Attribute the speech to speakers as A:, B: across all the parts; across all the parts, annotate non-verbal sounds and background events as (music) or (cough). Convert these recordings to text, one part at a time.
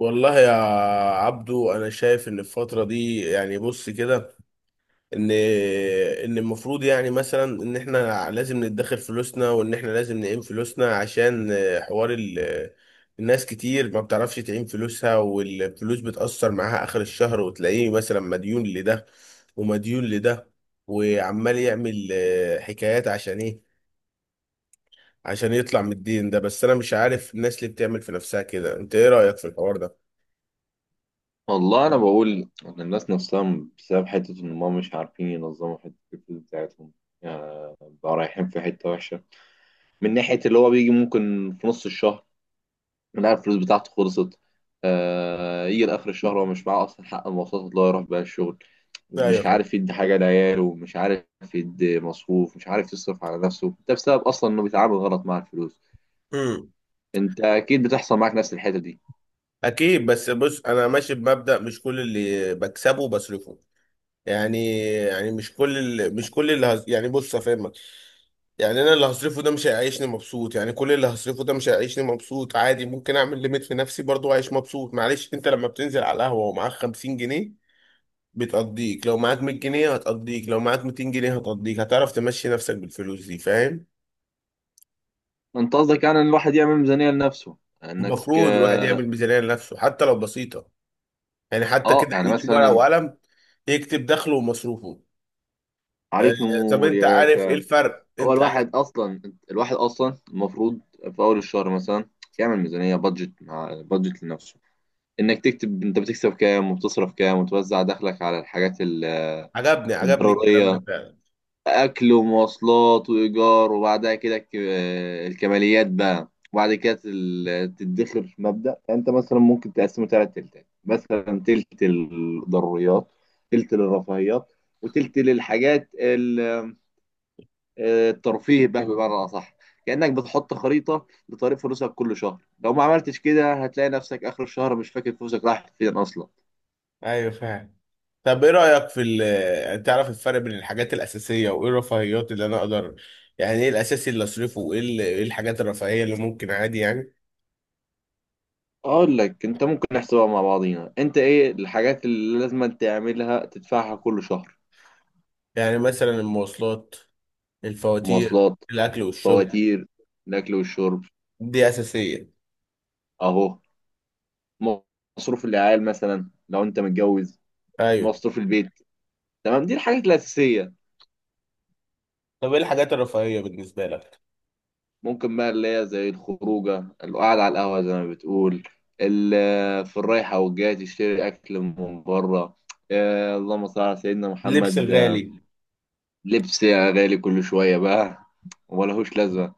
A: والله يا عبدو، انا شايف ان الفتره دي، يعني بص كده، ان ان المفروض يعني مثلا ان احنا لازم ندخر فلوسنا، وان احنا لازم نقيم فلوسنا عشان حوار الناس كتير ما بتعرفش تعين فلوسها، والفلوس بتأثر معاها اخر الشهر، وتلاقيه مثلا مديون لده ومديون لده، وعمال يعمل حكايات عشان ايه؟ عشان يطلع من الدين ده. بس انا مش عارف الناس اللي بتعمل في نفسها كده، انت ايه رأيك في الحوار ده؟
B: والله انا بقول ان الناس نفسها بسبب حته ان هم مش عارفين ينظموا حته الفلوس بتاعتهم، يعني بقى رايحين في حته وحشه. من ناحيه اللي هو بيجي ممكن في نص الشهر يلاقي الفلوس بتاعته خلصت. يجي لاخر الشهر هو مش معاه اصلا حق المواصلات اللي هو يروح بيها الشغل، مش
A: ايوه،
B: عارف يدي حاجه لعياله، مش عارف يدي مصروف، مش عارف يصرف على نفسه. ده بسبب اصلا انه بيتعامل غلط مع الفلوس.
A: فعلا،
B: انت اكيد بتحصل معاك نفس الحته دي.
A: اكيد. بس بص، انا ماشي بمبدأ مش كل اللي بكسبه بصرفه، يعني مش كل اللي مش كل اللي هز... يعني بص افهمك، يعني انا اللي هصرفه ده مش هيعيشني مبسوط، يعني كل اللي هصرفه ده مش هيعيشني مبسوط عادي، ممكن اعمل ليميت في نفسي برضه وعيش مبسوط. معلش، انت لما بتنزل على القهوة ومعاك 50 جنيه بتقضيك، لو معاك 100 جنيه هتقضيك، لو معاك 200 جنيه هتقضيك، هتعرف تمشي نفسك بالفلوس دي، فاهم؟
B: انت قصدك يعني ان الواحد يعمل ميزانيه لنفسه، انك
A: المفروض الواحد يعمل ميزانية لنفسه، حتى لو بسيطة، يعني حتى
B: اه
A: كده
B: يعني
A: يجيب ورقة
B: مثلا.
A: وقلم يكتب دخله ومصروفه. آه،
B: عليك
A: طب
B: نور
A: انت
B: يا
A: عارف ايه
B: باشا.
A: الفرق؟
B: هو
A: انت عارف؟
B: الواحد اصلا الواحد اصلا المفروض في اول الشهر مثلا يعمل ميزانيه بادجت مع بادجت لنفسه، انك تكتب انت بتكسب كام وبتصرف كام وتوزع دخلك على الحاجات
A: عجبني الكلام
B: الضروريه:
A: ده فعلا.
B: اكل ومواصلات وايجار، وبعدها كده الكماليات بقى. وبعد كده تدخر. في مبدا انت مثلا ممكن تقسمه ثلاث تلتات، مثلا تلت الضروريات، تلت للرفاهيات، وتلت للحاجات الترفيه بقى بمعنى اصح. كانك بتحط خريطه لطريق فلوسك كل شهر. لو ما عملتش كده هتلاقي نفسك اخر الشهر مش فاكر فلوسك راحت فين اصلا.
A: ايوه فاهم. طب ايه رأيك في تعرف الفرق بين الحاجات الأساسية وايه الرفاهيات اللي انا اقدر، يعني ايه الأساسي اللي اصرفه وايه ايه الحاجات الرفاهية اللي ممكن عادي يعني؟
B: اقول لك، انت ممكن نحسبها مع بعضينا. انت ايه الحاجات اللي لازم تعملها تدفعها كل شهر؟
A: يعني مثلا المواصلات، الفواتير،
B: مواصلات،
A: الأكل والشرب،
B: فواتير، الاكل والشرب،
A: دي أساسية.
B: اهو. مصروف العيال مثلا لو انت متجوز،
A: ايوه.
B: مصروف البيت. تمام، دي الحاجات الاساسيه.
A: طب ايه الحاجات الرفاهية بالنسبة لك؟
B: ممكن بقى اللي هي زي الخروجة، القعدة على القهوة زي ما بتقول، في الرايحة والجاية تشتري أكل من بره. اللهم صل على سيدنا
A: اللبس
B: محمد.
A: الغالي.
B: لبس يا غالي كل شوية بقى وملهوش لازمة.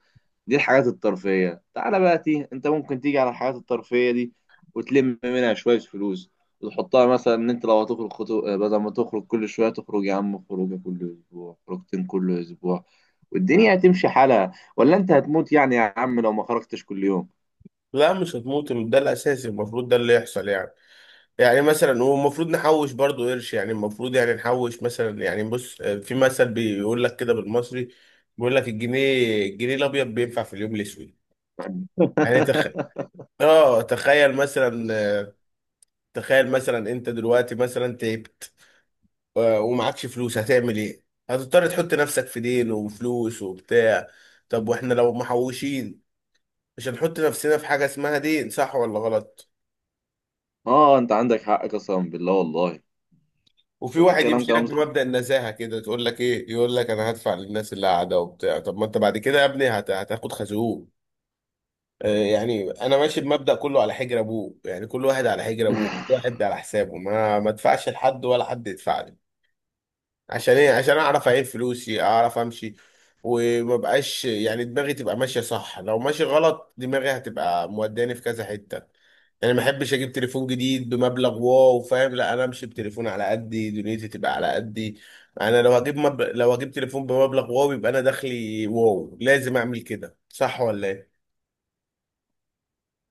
B: دي الحاجات الترفيهية. تعالى بقى تي انت ممكن تيجي على الحاجات الترفيهية دي وتلم منها شوية فلوس وتحطها. مثلا ان انت لو هتخرج بدل ما تخرج كل شوية تخرج يا عم خروجة كل اسبوع، خروجتين كل اسبوع، والدنيا هتمشي حالها. ولا انت هتموت يعني يا عم لو ما خرجتش كل يوم؟
A: لا، مش هتموت، ده الاساسي، المفروض ده اللي يحصل يعني. يعني مثلا، والمفروض نحوش برضو قرش، يعني المفروض يعني نحوش مثلا، يعني بص، في مثل بيقول لك كده بالمصري، بيقول لك الجنيه، الجنيه الابيض بينفع في اليوم الاسود. يعني تخ...
B: (laughs)
A: اه تخيل مثلا، تخيل مثلا انت دلوقتي مثلا تعبت ومعكش فلوس، هتعمل ايه؟ هتضطر تحط نفسك في دين وفلوس وبتاع. طب واحنا لو محوشين مش هنحط نفسنا في حاجة اسمها دين، صح ولا غلط؟
B: اه انت عندك حق، قسما بالله. والله
A: وفي
B: انت
A: واحد
B: بتتكلم
A: يمشي لك
B: كلام صح.
A: بمبدأ النزاهة كده، تقول لك ايه؟ يقول لك انا هدفع للناس اللي قاعدة وبتاع، طب ما انت بعد كده يا ابني هتاخد خازوق. يعني انا ماشي بمبدأ كله على حجر ابوه، يعني كل واحد على حجر ابوه، كل
B: (laughs)
A: واحد على حسابه، ما ادفعش لحد ولا حد يدفع لي. عشان ايه؟ عشان اعرف اعين فلوسي، اعرف امشي، وما بقاش يعني دماغي تبقى ماشيه صح، لو ماشي غلط دماغي هتبقى موداني في كذا حته. يعني ما احبش اجيب تليفون جديد بمبلغ واو، فاهم؟ لا، انا امشي بتليفون على قدي، دنيتي تبقى على قدي. انا لو هجيب لو هجيب تليفون بمبلغ واو، يبقى انا دخلي واو، لازم اعمل كده، صح ولا ايه؟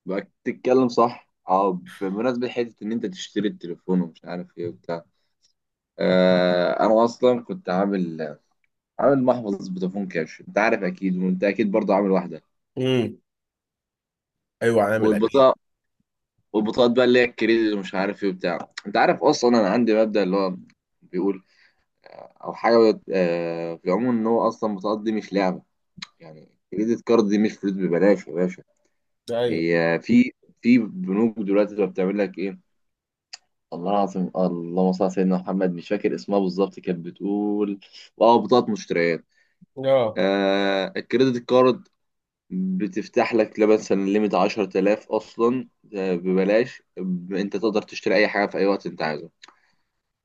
B: بقى بتتكلم صح. اه، بمناسبة حتة ان انت تشتري التليفون ومش عارف ايه وبتاع، انا اصلا كنت عامل محفظ فودافون كاش. انت عارف اكيد، وانت اكيد برضه عامل واحده.
A: امم. ايوه عامل اكيد.
B: والبطاقه والبطاقات بقى اللي هي الكريدت ومش عارف ايه وبتاع. انت عارف اصلا انا عندي مبدأ اللي هو بيقول، او حاجه في العموم، ان هو اصلا البطاقات دي مش لعبه. يعني الكريدت كارد دي مش فلوس ببلاش يا باشا.
A: ايوه.
B: هي في في بنوك دلوقتي بقى بتعمل لك ايه؟ الله العظيم، اللهم صل على سيدنا محمد، مش فاكر اسمها بالظبط. كانت بتقول اه بطاقه مشتريات.
A: اه.
B: الكريدت كارد، بتفتح لك لا مثلا ليميت 10000 أصلا. ببلاش أنت تقدر تشتري أي حاجة في أي وقت أنت عايزه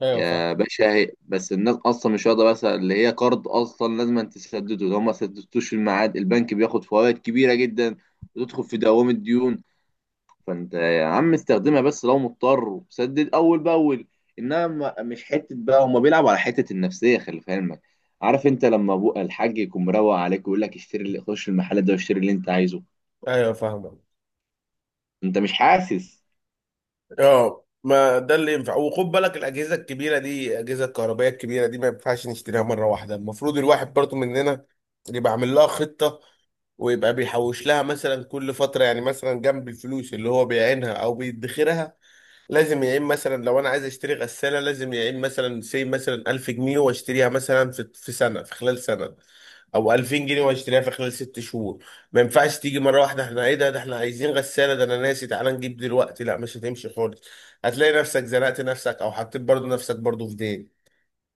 A: ايوه فاهم.
B: يا باشا. هي بس الناس أصلا مش واخدة بس اللي هي قرض أصلا لازم أن تسدده. لو ما سددتوش في الميعاد البنك بياخد فوائد كبيرة جدا، وتدخل في دوامة ديون. فأنت يا عم استخدمها بس لو مضطر، وسدد أول بأول. إنما مش حتة بقى. هما بيلعبوا على حتة النفسية، خلي في علمك. عارف أنت لما أبو الحاج يكون مروق عليك ويقول لك اشتري، اللي خش المحل ده واشتري اللي أنت عايزه،
A: ايوه فاهمك.
B: انت مش حاسس؟
A: اه، ما ده اللي ينفع. وخد بالك، الاجهزه الكبيره دي، الاجهزه الكهربائيه الكبيره دي، ما ينفعش نشتريها مره واحده، المفروض الواحد برضو مننا يبقى عامل لها خطه، ويبقى بيحوش لها مثلا كل فتره، يعني مثلا جنب الفلوس اللي هو بيعينها او بيدخرها، لازم يعين مثلا لو انا عايز اشتري غساله، لازم يعين مثلا سي، مثلا 1000 جنيه واشتريها مثلا في سنه، في خلال سنه، او 2000 جنيه واشتريها في خلال ست شهور. ما ينفعش تيجي مره واحده، احنا ايه ده؟ ده احنا عايزين غساله، ده انا ناسي، تعالى نجيب دلوقتي، لا، مش هتمشي خالص. هتلاقي نفسك زنقت نفسك، او حطيت برضو نفسك برضو في دين،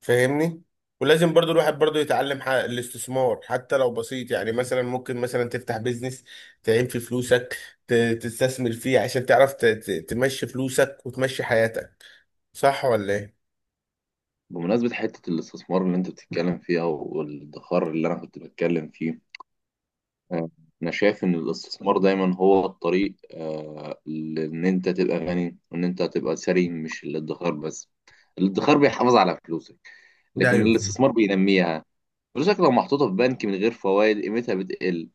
A: فاهمني؟ ولازم برضو الواحد برضو يتعلم الاستثمار، حتى لو بسيط، يعني مثلا ممكن مثلا تفتح بيزنس، تعين فيه فلوسك، ت- تستثمر فيه عشان تعرف تمشي فلوسك وتمشي حياتك، صح ولا ايه؟
B: بمناسبة حتة الاستثمار اللي انت بتتكلم فيها والادخار اللي انا كنت بتكلم فيه، آه، انا شايف ان الاستثمار دايما هو الطريق، لان انت تبقى غني وان انت تبقى ثري، مش الادخار بس. الادخار بيحافظ على فلوسك،
A: ده
B: لكن
A: ايوه فاهم.
B: الاستثمار بينميها. فلوسك لو محطوطة في بنك من غير فوائد قيمتها بتقل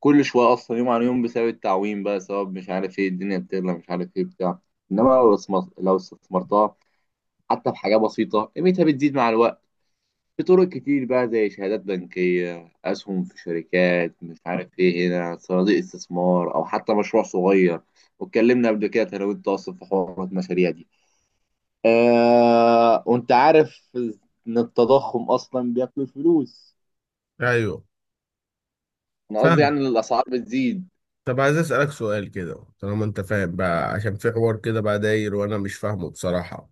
B: كل شوية، اصلا يوم عن يوم، بسبب التعويم بقى، سبب مش عارف ايه الدنيا بتغلى مش عارف ايه بتاع. انما لو لو استثمرتها حتى بحاجة بسيطة قيمتها بتزيد مع الوقت. في طرق كتير بقى زي شهادات بنكية، أسهم في شركات مش عارف إيه هنا، صناديق استثمار، أو حتى مشروع صغير. واتكلمنا قبل كده أنا وأنت أصلا في حوار المشاريع دي. وأنت عارف إن التضخم أصلا بياكل الفلوس.
A: ايوه
B: أنا قصدي
A: فاهم.
B: يعني إن الأسعار بتزيد.
A: طب عايز اسالك سؤال كده، طالما انت فاهم بقى، عشان في حوار كده بقى داير وانا مش فاهمه بصراحه.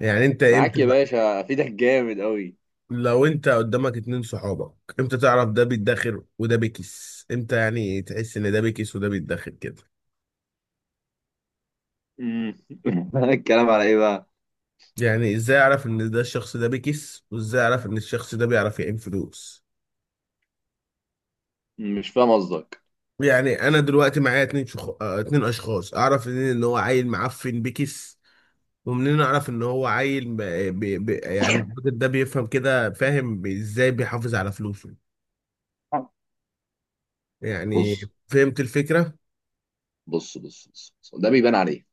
A: يعني انت
B: معاك
A: امتى
B: يا
A: بقى،
B: باشا، أفيدك جامد أوي.
A: لو انت قدامك اتنين صحابك، امتى تعرف ده بيتداخل وده بيكس؟ امتى يعني تحس ان ده بيكس وده بيتداخل كده؟
B: أمم. (laughs) الكلام على إيه بقى؟
A: يعني ازاي اعرف ان ده الشخص ده بيكس، وازاي اعرف ان الشخص ده بيعرف يعين فلوس؟
B: مش فاهم قصدك.
A: يعني انا دلوقتي معايا اتنين شخ... آه، اتنين اشخاص، اعرف منين ان هو عيل معفن بيكس، ومنين اعرف ان هو عيل ب... يعني الراجل ده بيفهم كده، فاهم؟ ازاي بيحافظ على فلوسه يعني؟
B: بص
A: فهمت الفكرة؟
B: بص بص بص، ده بيبان عليك.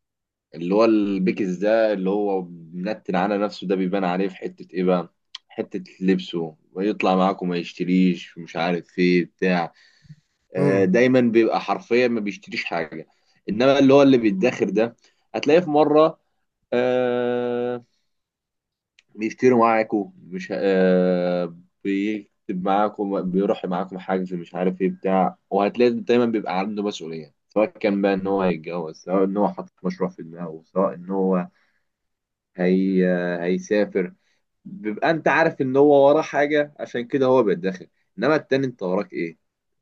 B: اللي هو البيكس ده، اللي هو منتن على نفسه، ده بيبان عليه في حتة ايه بقى؟ حتة لبسه، ويطلع معاكم ما يشتريش مش عارف ايه بتاع.
A: امم.
B: دايما بيبقى حرفيا ما بيشتريش حاجة. انما اللي هو اللي بيتداخر ده، هتلاقيه في مرة آه بيشتري معاكم. مش بيكتب معاكم، بيروح معاكم حاجز مش عارف ايه بتاع. وهتلاقي دايما بيبقى عنده مسؤولية، سواء كان بقى ان هو يتجوز، سواء ان هو حاطط مشروع في دماغه، سواء ان هو هي هيسافر. بيبقى انت عارف ان هو وراه حاجه عشان كده هو بيتدخل. انما التاني انت وراك ايه؟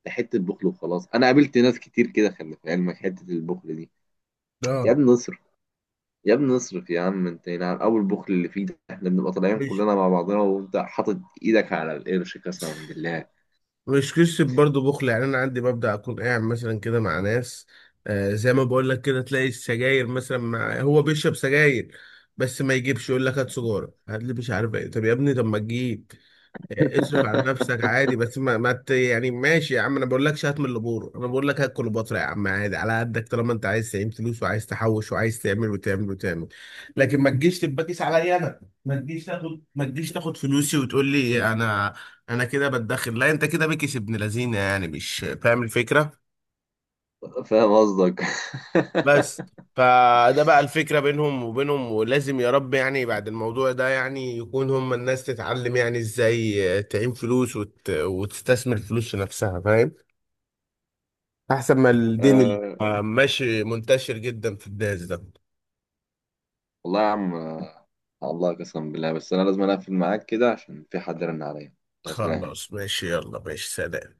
B: ده حته بخل وخلاص. انا قابلت ناس كتير كده خلي في علمك حته البخل دي. يا
A: اه.
B: ابني اصرف، يا ابني اصرف يا عم. انت نعم اول بخل اللي فيه ده، احنا بنبقى طالعين
A: ماشي.
B: كلنا مع بعضنا وانت حاطط ايدك على القرش، قسما بالله.
A: مش قصة برضه بخل، يعني أنا عندي، ببدأ أكون قاعد مثلا كده مع ناس، آه زي ما بقول لك كده، تلاقي السجاير مثلا، مع هو بيشرب سجاير، بس ما يجيبش، يقول لك هات سجارة، هات لي، مش عارف إيه. طب يا ابني، طب ما تجيب، اصرف على نفسك عادي،
B: (laughs)
A: بس ما, ما ت... يعني ماشي يا عم، انا بقول لكش هات من البور، انا بقول لك هات كليوباترا يا عم، عادي على قدك، طالما انت عايز تعين فلوس، وعايز تحوش، وعايز تعمل وتعمل وتعمل. لكن ما تجيش تبقى كيس عليا انا، ما تجيش تاخد، ما تجيش تاخد فلوسي وتقول لي انا، انا كده بتدخل. لا، انت كده بكيس ابن لذينه، يعني مش فاهم الفكره
B: فاهم قصدك.
A: بس؟ فده بقى الفكرة بينهم وبينهم، ولازم يا رب يعني بعد الموضوع ده يعني يكون هم الناس تتعلم يعني ازاي تعين فلوس، وتستثمر فلوس في نفسها، فاهم؟ احسن ما
B: (laughs)
A: الدين اللي
B: آه،
A: ماشي منتشر جدا في الناس ده.
B: والله يا عم، الله، قسما بالله. بس انا لازم اقفل معاك كده عشان في حد رن عليا. بس
A: خلاص، ماشي، يلا ماشي، سلام.